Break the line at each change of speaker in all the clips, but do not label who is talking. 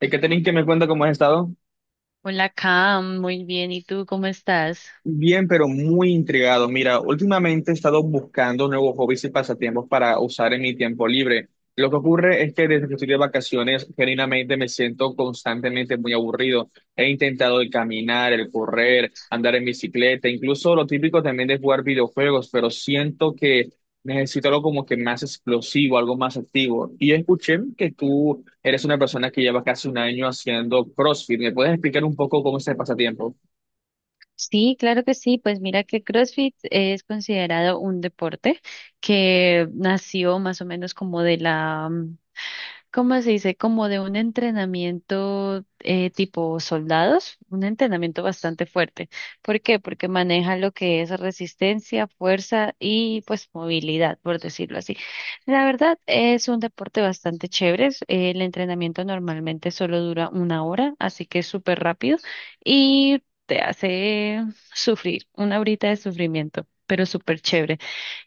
Hay que tener que me cuenta cómo has estado.
Hola, Cam, muy bien. ¿Y tú cómo estás?
Bien, pero muy intrigado. Mira, últimamente he estado buscando nuevos hobbies y pasatiempos para usar en mi tiempo libre. Lo que ocurre es que desde que estoy de vacaciones, genuinamente me siento constantemente muy aburrido. He intentado el caminar, el correr, andar en bicicleta, incluso lo típico también de jugar videojuegos, pero siento que necesito algo como que más explosivo, algo más activo. Y escuché que tú eres una persona que lleva casi 1 año haciendo CrossFit. ¿Me puedes explicar un poco cómo es el pasatiempo?
Sí, claro que sí. Pues mira que CrossFit es considerado un deporte que nació más o menos como ¿cómo se dice? Como de un entrenamiento tipo soldados, un entrenamiento bastante fuerte. ¿Por qué? Porque maneja lo que es resistencia, fuerza y pues movilidad, por decirlo así. La verdad es un deporte bastante chévere. El entrenamiento normalmente solo dura una hora, así que es súper rápido y te hace sufrir, una horita de sufrimiento, pero súper chévere.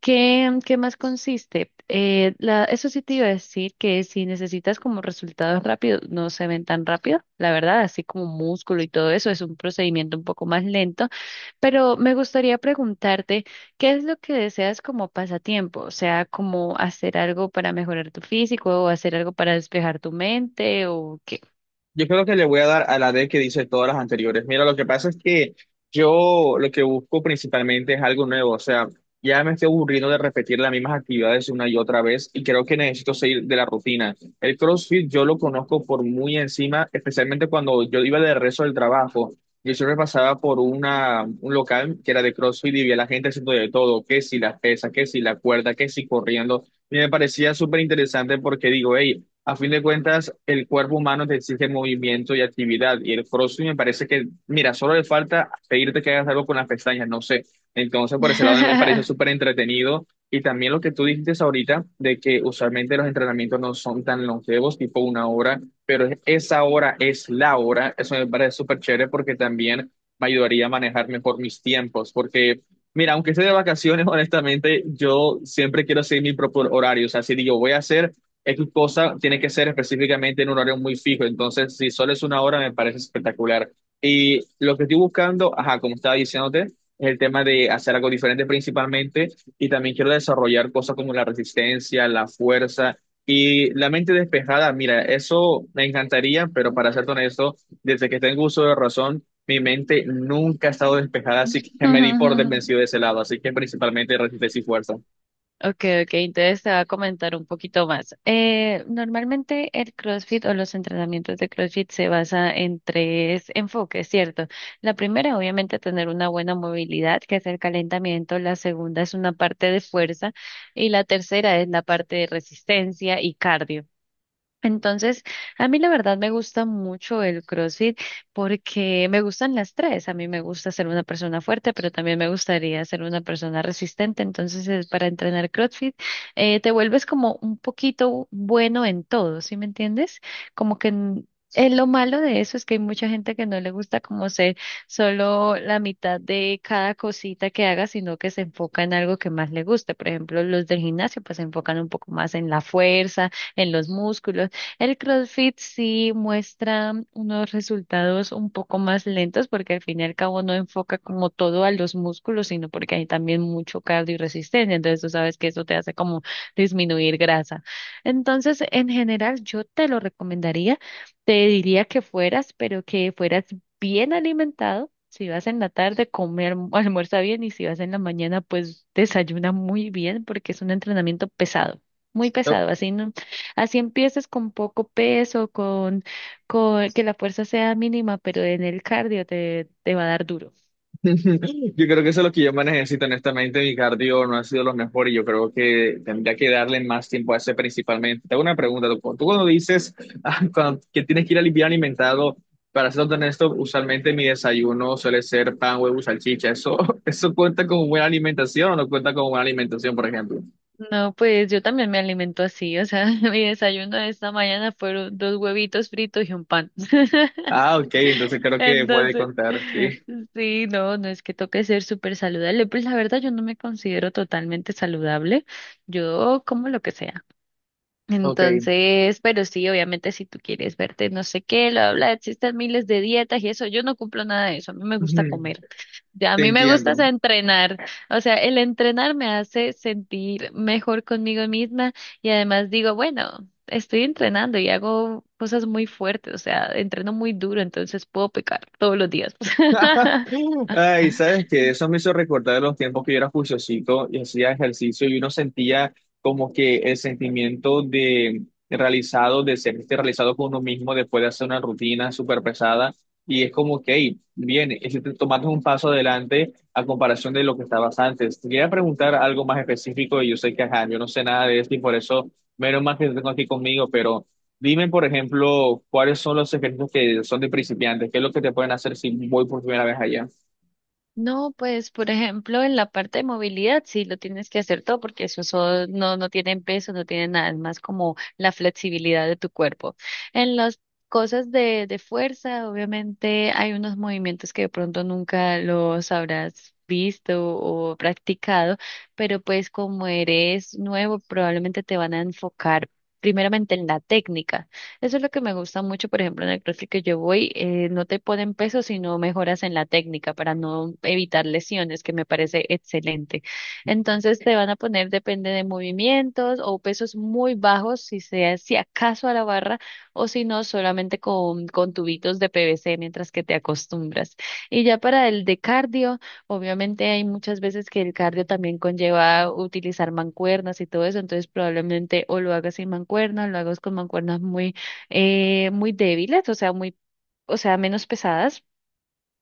¿Qué, qué más consiste? Eso sí te iba a decir que si necesitas como resultados rápidos, no se ven tan rápido, la verdad, así como músculo y todo eso, es un procedimiento un poco más lento, pero me gustaría preguntarte, ¿qué es lo que deseas como pasatiempo? O sea, como hacer algo para mejorar tu físico o hacer algo para despejar tu mente o qué.
Yo creo que le voy a dar a la D que dice todas las anteriores. Mira, lo que pasa es que yo lo que busco principalmente es algo nuevo. O sea, ya me estoy aburriendo de repetir las mismas actividades una y otra vez y creo que necesito salir de la rutina. El CrossFit yo lo conozco por muy encima, especialmente cuando yo iba de rezo del trabajo. Yo siempre pasaba por un local que era de CrossFit y vi a la gente haciendo de todo, que si las pesas, que si la cuerda, que si corriendo. Y me parecía súper interesante porque digo, hey, a fin de cuentas, el cuerpo humano te exige movimiento y actividad. Y el CrossFit me parece que, mira, solo le falta pedirte que hagas algo con las pestañas, no sé. Entonces, por ese lado me parece súper entretenido. Y también lo que tú dijiste ahorita, de que usualmente los entrenamientos no son tan longevos, tipo 1 hora, pero esa hora es la hora. Eso me parece súper chévere porque también me ayudaría a manejar mejor mis tiempos. Porque, mira, aunque esté de vacaciones, honestamente, yo siempre quiero seguir mi propio horario. O sea, si digo, voy a hacer X cosa tiene que ser específicamente en un horario muy fijo. Entonces, si solo es 1 hora, me parece espectacular. Y lo que estoy buscando, ajá, como estaba diciéndote, es el tema de hacer algo diferente principalmente. Y también quiero desarrollar cosas como la resistencia, la fuerza y la mente despejada. Mira, eso me encantaría, pero para ser honesto, desde que tengo uso de razón, mi mente nunca ha estado despejada, así que me di por desvencido de ese lado. Así que principalmente resistencia y fuerza.
Okay, okay, entonces te va a comentar un poquito más. Normalmente el CrossFit o los entrenamientos de CrossFit se basa en tres enfoques, ¿cierto? La primera, obviamente, tener una buena movilidad, que es el calentamiento. La segunda es una parte de fuerza y la tercera es la parte de resistencia y cardio. Entonces, a mí la verdad me gusta mucho el CrossFit porque me gustan las tres. A mí me gusta ser una persona fuerte, pero también me gustaría ser una persona resistente. Entonces, es para entrenar CrossFit, te vuelves como un poquito bueno en todo, ¿sí me entiendes? Como que n- lo malo de eso es que hay mucha gente que no le gusta como ser solo la mitad de cada cosita que haga, sino que se enfoca en algo que más le guste. Por ejemplo, los del gimnasio pues se enfocan un poco más en la fuerza en los músculos. El CrossFit sí muestra unos resultados un poco más lentos porque al fin y al cabo no enfoca como todo a los músculos, sino porque hay también mucho cardio y resistencia. Entonces tú sabes que eso te hace como disminuir grasa. Entonces, en general, yo te lo recomendaría, te diría que fueras, pero que fueras bien alimentado. Si vas en la tarde, come, almuerza bien y si vas en la mañana, pues desayuna muy bien porque es un entrenamiento pesado, muy pesado, así no. Así empieces con poco peso, con que la fuerza sea mínima, pero en el cardio te va a dar duro.
Yo creo que eso es lo que yo más necesito, honestamente. Mi cardio no ha sido lo mejor y yo creo que tendría que darle más tiempo a ese principalmente. Te hago una pregunta, tú cuando dices ah, que tienes que ir al bien alimentado, para ser honesto, usualmente mi desayuno suele ser pan, huevo, y salchicha. ¿Eso, eso cuenta como buena alimentación o no cuenta como buena alimentación, por ejemplo?
No, pues yo también me alimento así, o sea, mi desayuno de esta mañana fueron dos huevitos fritos y un pan.
Ah, ok, entonces creo que puede
Entonces,
contar, sí.
sí, no, no es que toque ser súper saludable, pues la verdad yo no me considero totalmente saludable, yo como lo que sea.
Ok.
Entonces, pero sí, obviamente si tú quieres verte no sé qué, lo habla, existen miles de dietas y eso, yo no cumplo nada de eso, a mí me gusta
Ujú,
comer, ya a
te
mí me gusta es
entiendo.
entrenar, o sea, el entrenar me hace sentir mejor conmigo misma y además digo, bueno, estoy entrenando y hago cosas muy fuertes, o sea, entreno muy duro, entonces puedo pecar todos los días.
Ay, ¿sabes que eso me hizo recordar los tiempos que yo era juiciosito y hacía ejercicio y uno sentía como que el sentimiento de realizado, de sentirse realizado con uno mismo después de hacer una rutina súper pesada? Y es como que, hey, bien, tomaste un paso adelante a comparación de lo que estabas antes. Te quería preguntar algo más específico y yo sé que, ajá, yo no sé nada de esto y por eso, menos mal que te tengo aquí conmigo, pero... Dime, por ejemplo, cuáles son los secretos que son de principiantes, qué es lo que te pueden hacer si voy por primera vez allá.
No, pues por ejemplo en la parte de movilidad sí lo tienes que hacer todo porque no, no tienen peso, no tienen nada, es más como la flexibilidad de tu cuerpo. En las cosas de fuerza, obviamente hay unos movimientos que de pronto nunca los habrás visto o practicado, pero pues como eres nuevo probablemente te van a enfocar primeramente en la técnica. Eso es lo que me gusta mucho, por ejemplo, en el CrossFit que yo voy, no te ponen peso, sino mejoras en la técnica para no evitar lesiones, que me parece excelente. Entonces te van a poner, depende de movimientos o pesos muy bajos, si sea, si acaso a la barra, o si no, solamente con tubitos de PVC mientras que te acostumbras. Y ya para el de cardio, obviamente hay muchas veces que el cardio también conlleva utilizar mancuernas y todo eso, entonces probablemente o lo hagas sin mancuernas, lo hagas con mancuernas muy muy débiles, o sea, o sea, menos pesadas.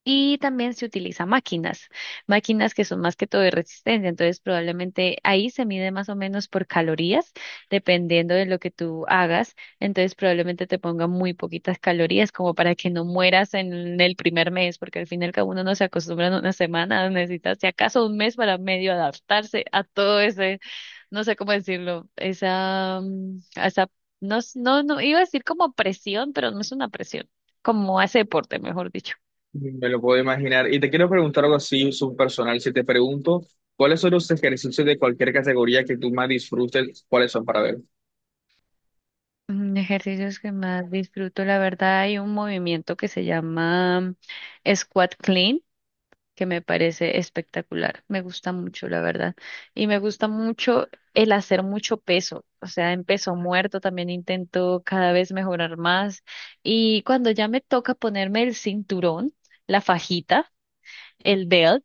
Y también se utiliza máquinas, máquinas que son más que todo de resistencia. Entonces, probablemente ahí se mide más o menos por calorías, dependiendo de lo que tú hagas. Entonces, probablemente te ponga muy poquitas calorías, como para que no mueras en el primer mes, porque al fin y al cabo uno no se acostumbra en una semana, necesitas si acaso un mes para medio adaptarse a todo ese no sé cómo decirlo, esa, no, iba a decir como presión, pero no es una presión, como ese deporte, mejor dicho.
Me lo puedo imaginar. Y te quiero preguntar algo así, subpersonal. Si te pregunto, ¿cuáles son los ejercicios de cualquier categoría que tú más disfrutes? ¿Cuáles son para ver?
Ejercicios que más disfruto, la verdad, hay un movimiento que se llama Squat Clean, que me parece espectacular, me gusta mucho, la verdad, y me gusta mucho el hacer mucho peso, o sea, en peso muerto también intento cada vez mejorar más, y cuando ya me toca ponerme el cinturón, la fajita, el belt,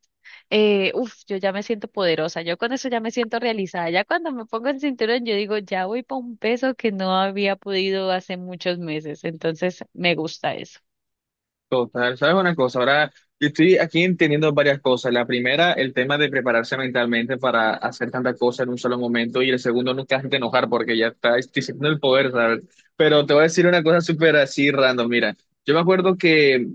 uf, yo ya me siento poderosa, yo con eso ya me siento realizada, ya cuando me pongo el cinturón yo digo, ya voy para un peso que no había podido hace muchos meses, entonces me gusta eso.
Total, ¿sabes una cosa? Ahora, yo estoy aquí entendiendo varias cosas. La primera, el tema de prepararse mentalmente para hacer tantas cosas en un solo momento. Y el segundo, nunca hacerte enojar porque ya está diciendo el poder, ¿sabes? Pero te voy a decir una cosa súper así random, mira. Yo me acuerdo que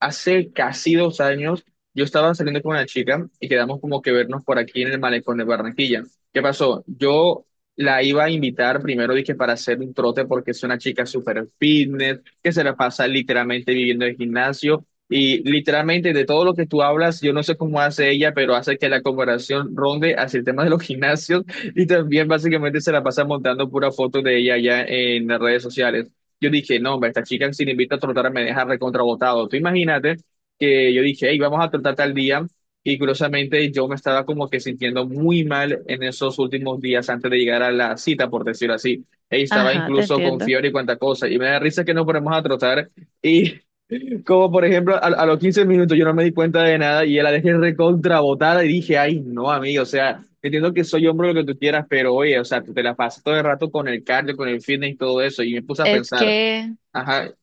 hace casi 2 años yo estaba saliendo con una chica y quedamos como que vernos por aquí en el malecón de Barranquilla. ¿Qué pasó? Yo la iba a invitar primero, dije, para hacer un trote porque es una chica súper fitness, que se la pasa literalmente viviendo en el gimnasio y literalmente de todo lo que tú hablas, yo no sé cómo hace ella, pero hace que la comparación ronde hacia el tema de los gimnasios, y también básicamente se la pasa montando pura foto de ella allá en las redes sociales. Yo dije, no, hombre, esta chica si le invito a trotar me deja recontrabotado. Tú imagínate que yo dije, hey, vamos a trotar tal día. Y curiosamente yo me estaba como que sintiendo muy mal en esos últimos días antes de llegar a la cita, por decirlo así. Ey, estaba
Ajá, te
incluso con
entiendo.
fiebre y cuanta cosa. Y me da risa que nos ponemos a trotar. Y como por ejemplo, a los 15 minutos yo no me di cuenta de nada y ya la dejé recontrabotada y dije, ay, no, amigo, o sea, entiendo que soy hombre lo que tú quieras, pero oye, o sea, tú te la pasas todo el rato con el cardio, con el fitness y todo eso. Y me puse a
Es
pensar.
que,
Ajá,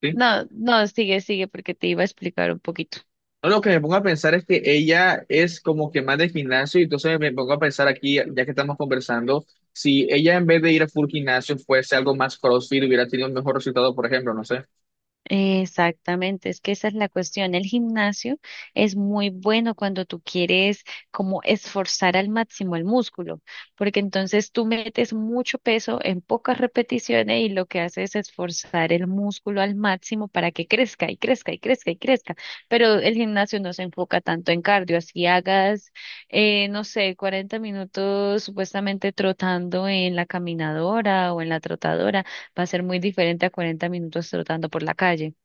sí.
no, no, sigue, sigue, porque te iba a explicar un poquito.
No, lo que me pongo a pensar es que ella es como que más de gimnasio, y entonces me pongo a pensar aquí, ya que estamos conversando, si ella en vez de ir a full gimnasio fuese algo más CrossFit, hubiera tenido un mejor resultado, por ejemplo, no sé.
Exactamente, es que esa es la cuestión. El gimnasio es muy bueno cuando tú quieres como esforzar al máximo el músculo, porque entonces tú metes mucho peso en pocas repeticiones y lo que haces es esforzar el músculo al máximo para que crezca y crezca y crezca y crezca. Pero el gimnasio no se enfoca tanto en cardio, así hagas, no sé, 40 minutos supuestamente trotando en la caminadora o en la trotadora va a ser muy diferente a 40 minutos trotando por la calle.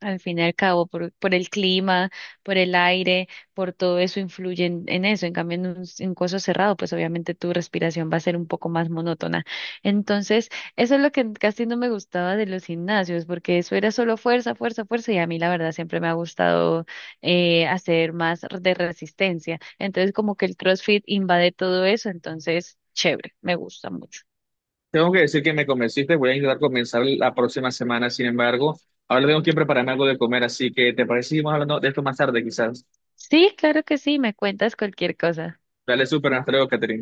Al fin y al cabo, por el clima, por el aire, por todo eso influye en eso. En cambio, en coso cerrado, pues obviamente tu respiración va a ser un poco más monótona. Entonces, eso es lo que casi no me gustaba de los gimnasios, porque eso era solo fuerza, fuerza, fuerza, y a mí la verdad siempre me ha gustado hacer más de resistencia. Entonces, como que el CrossFit invade todo eso, entonces, chévere, me gusta mucho.
Tengo que decir que me convenciste, voy a intentar comenzar la próxima semana, sin embargo, ahora tengo que prepararme algo de comer, así que ¿te parece si seguimos hablando de esto más tarde, quizás?
Sí, claro que sí, me cuentas cualquier cosa.
Dale súper, hasta luego, Catherine.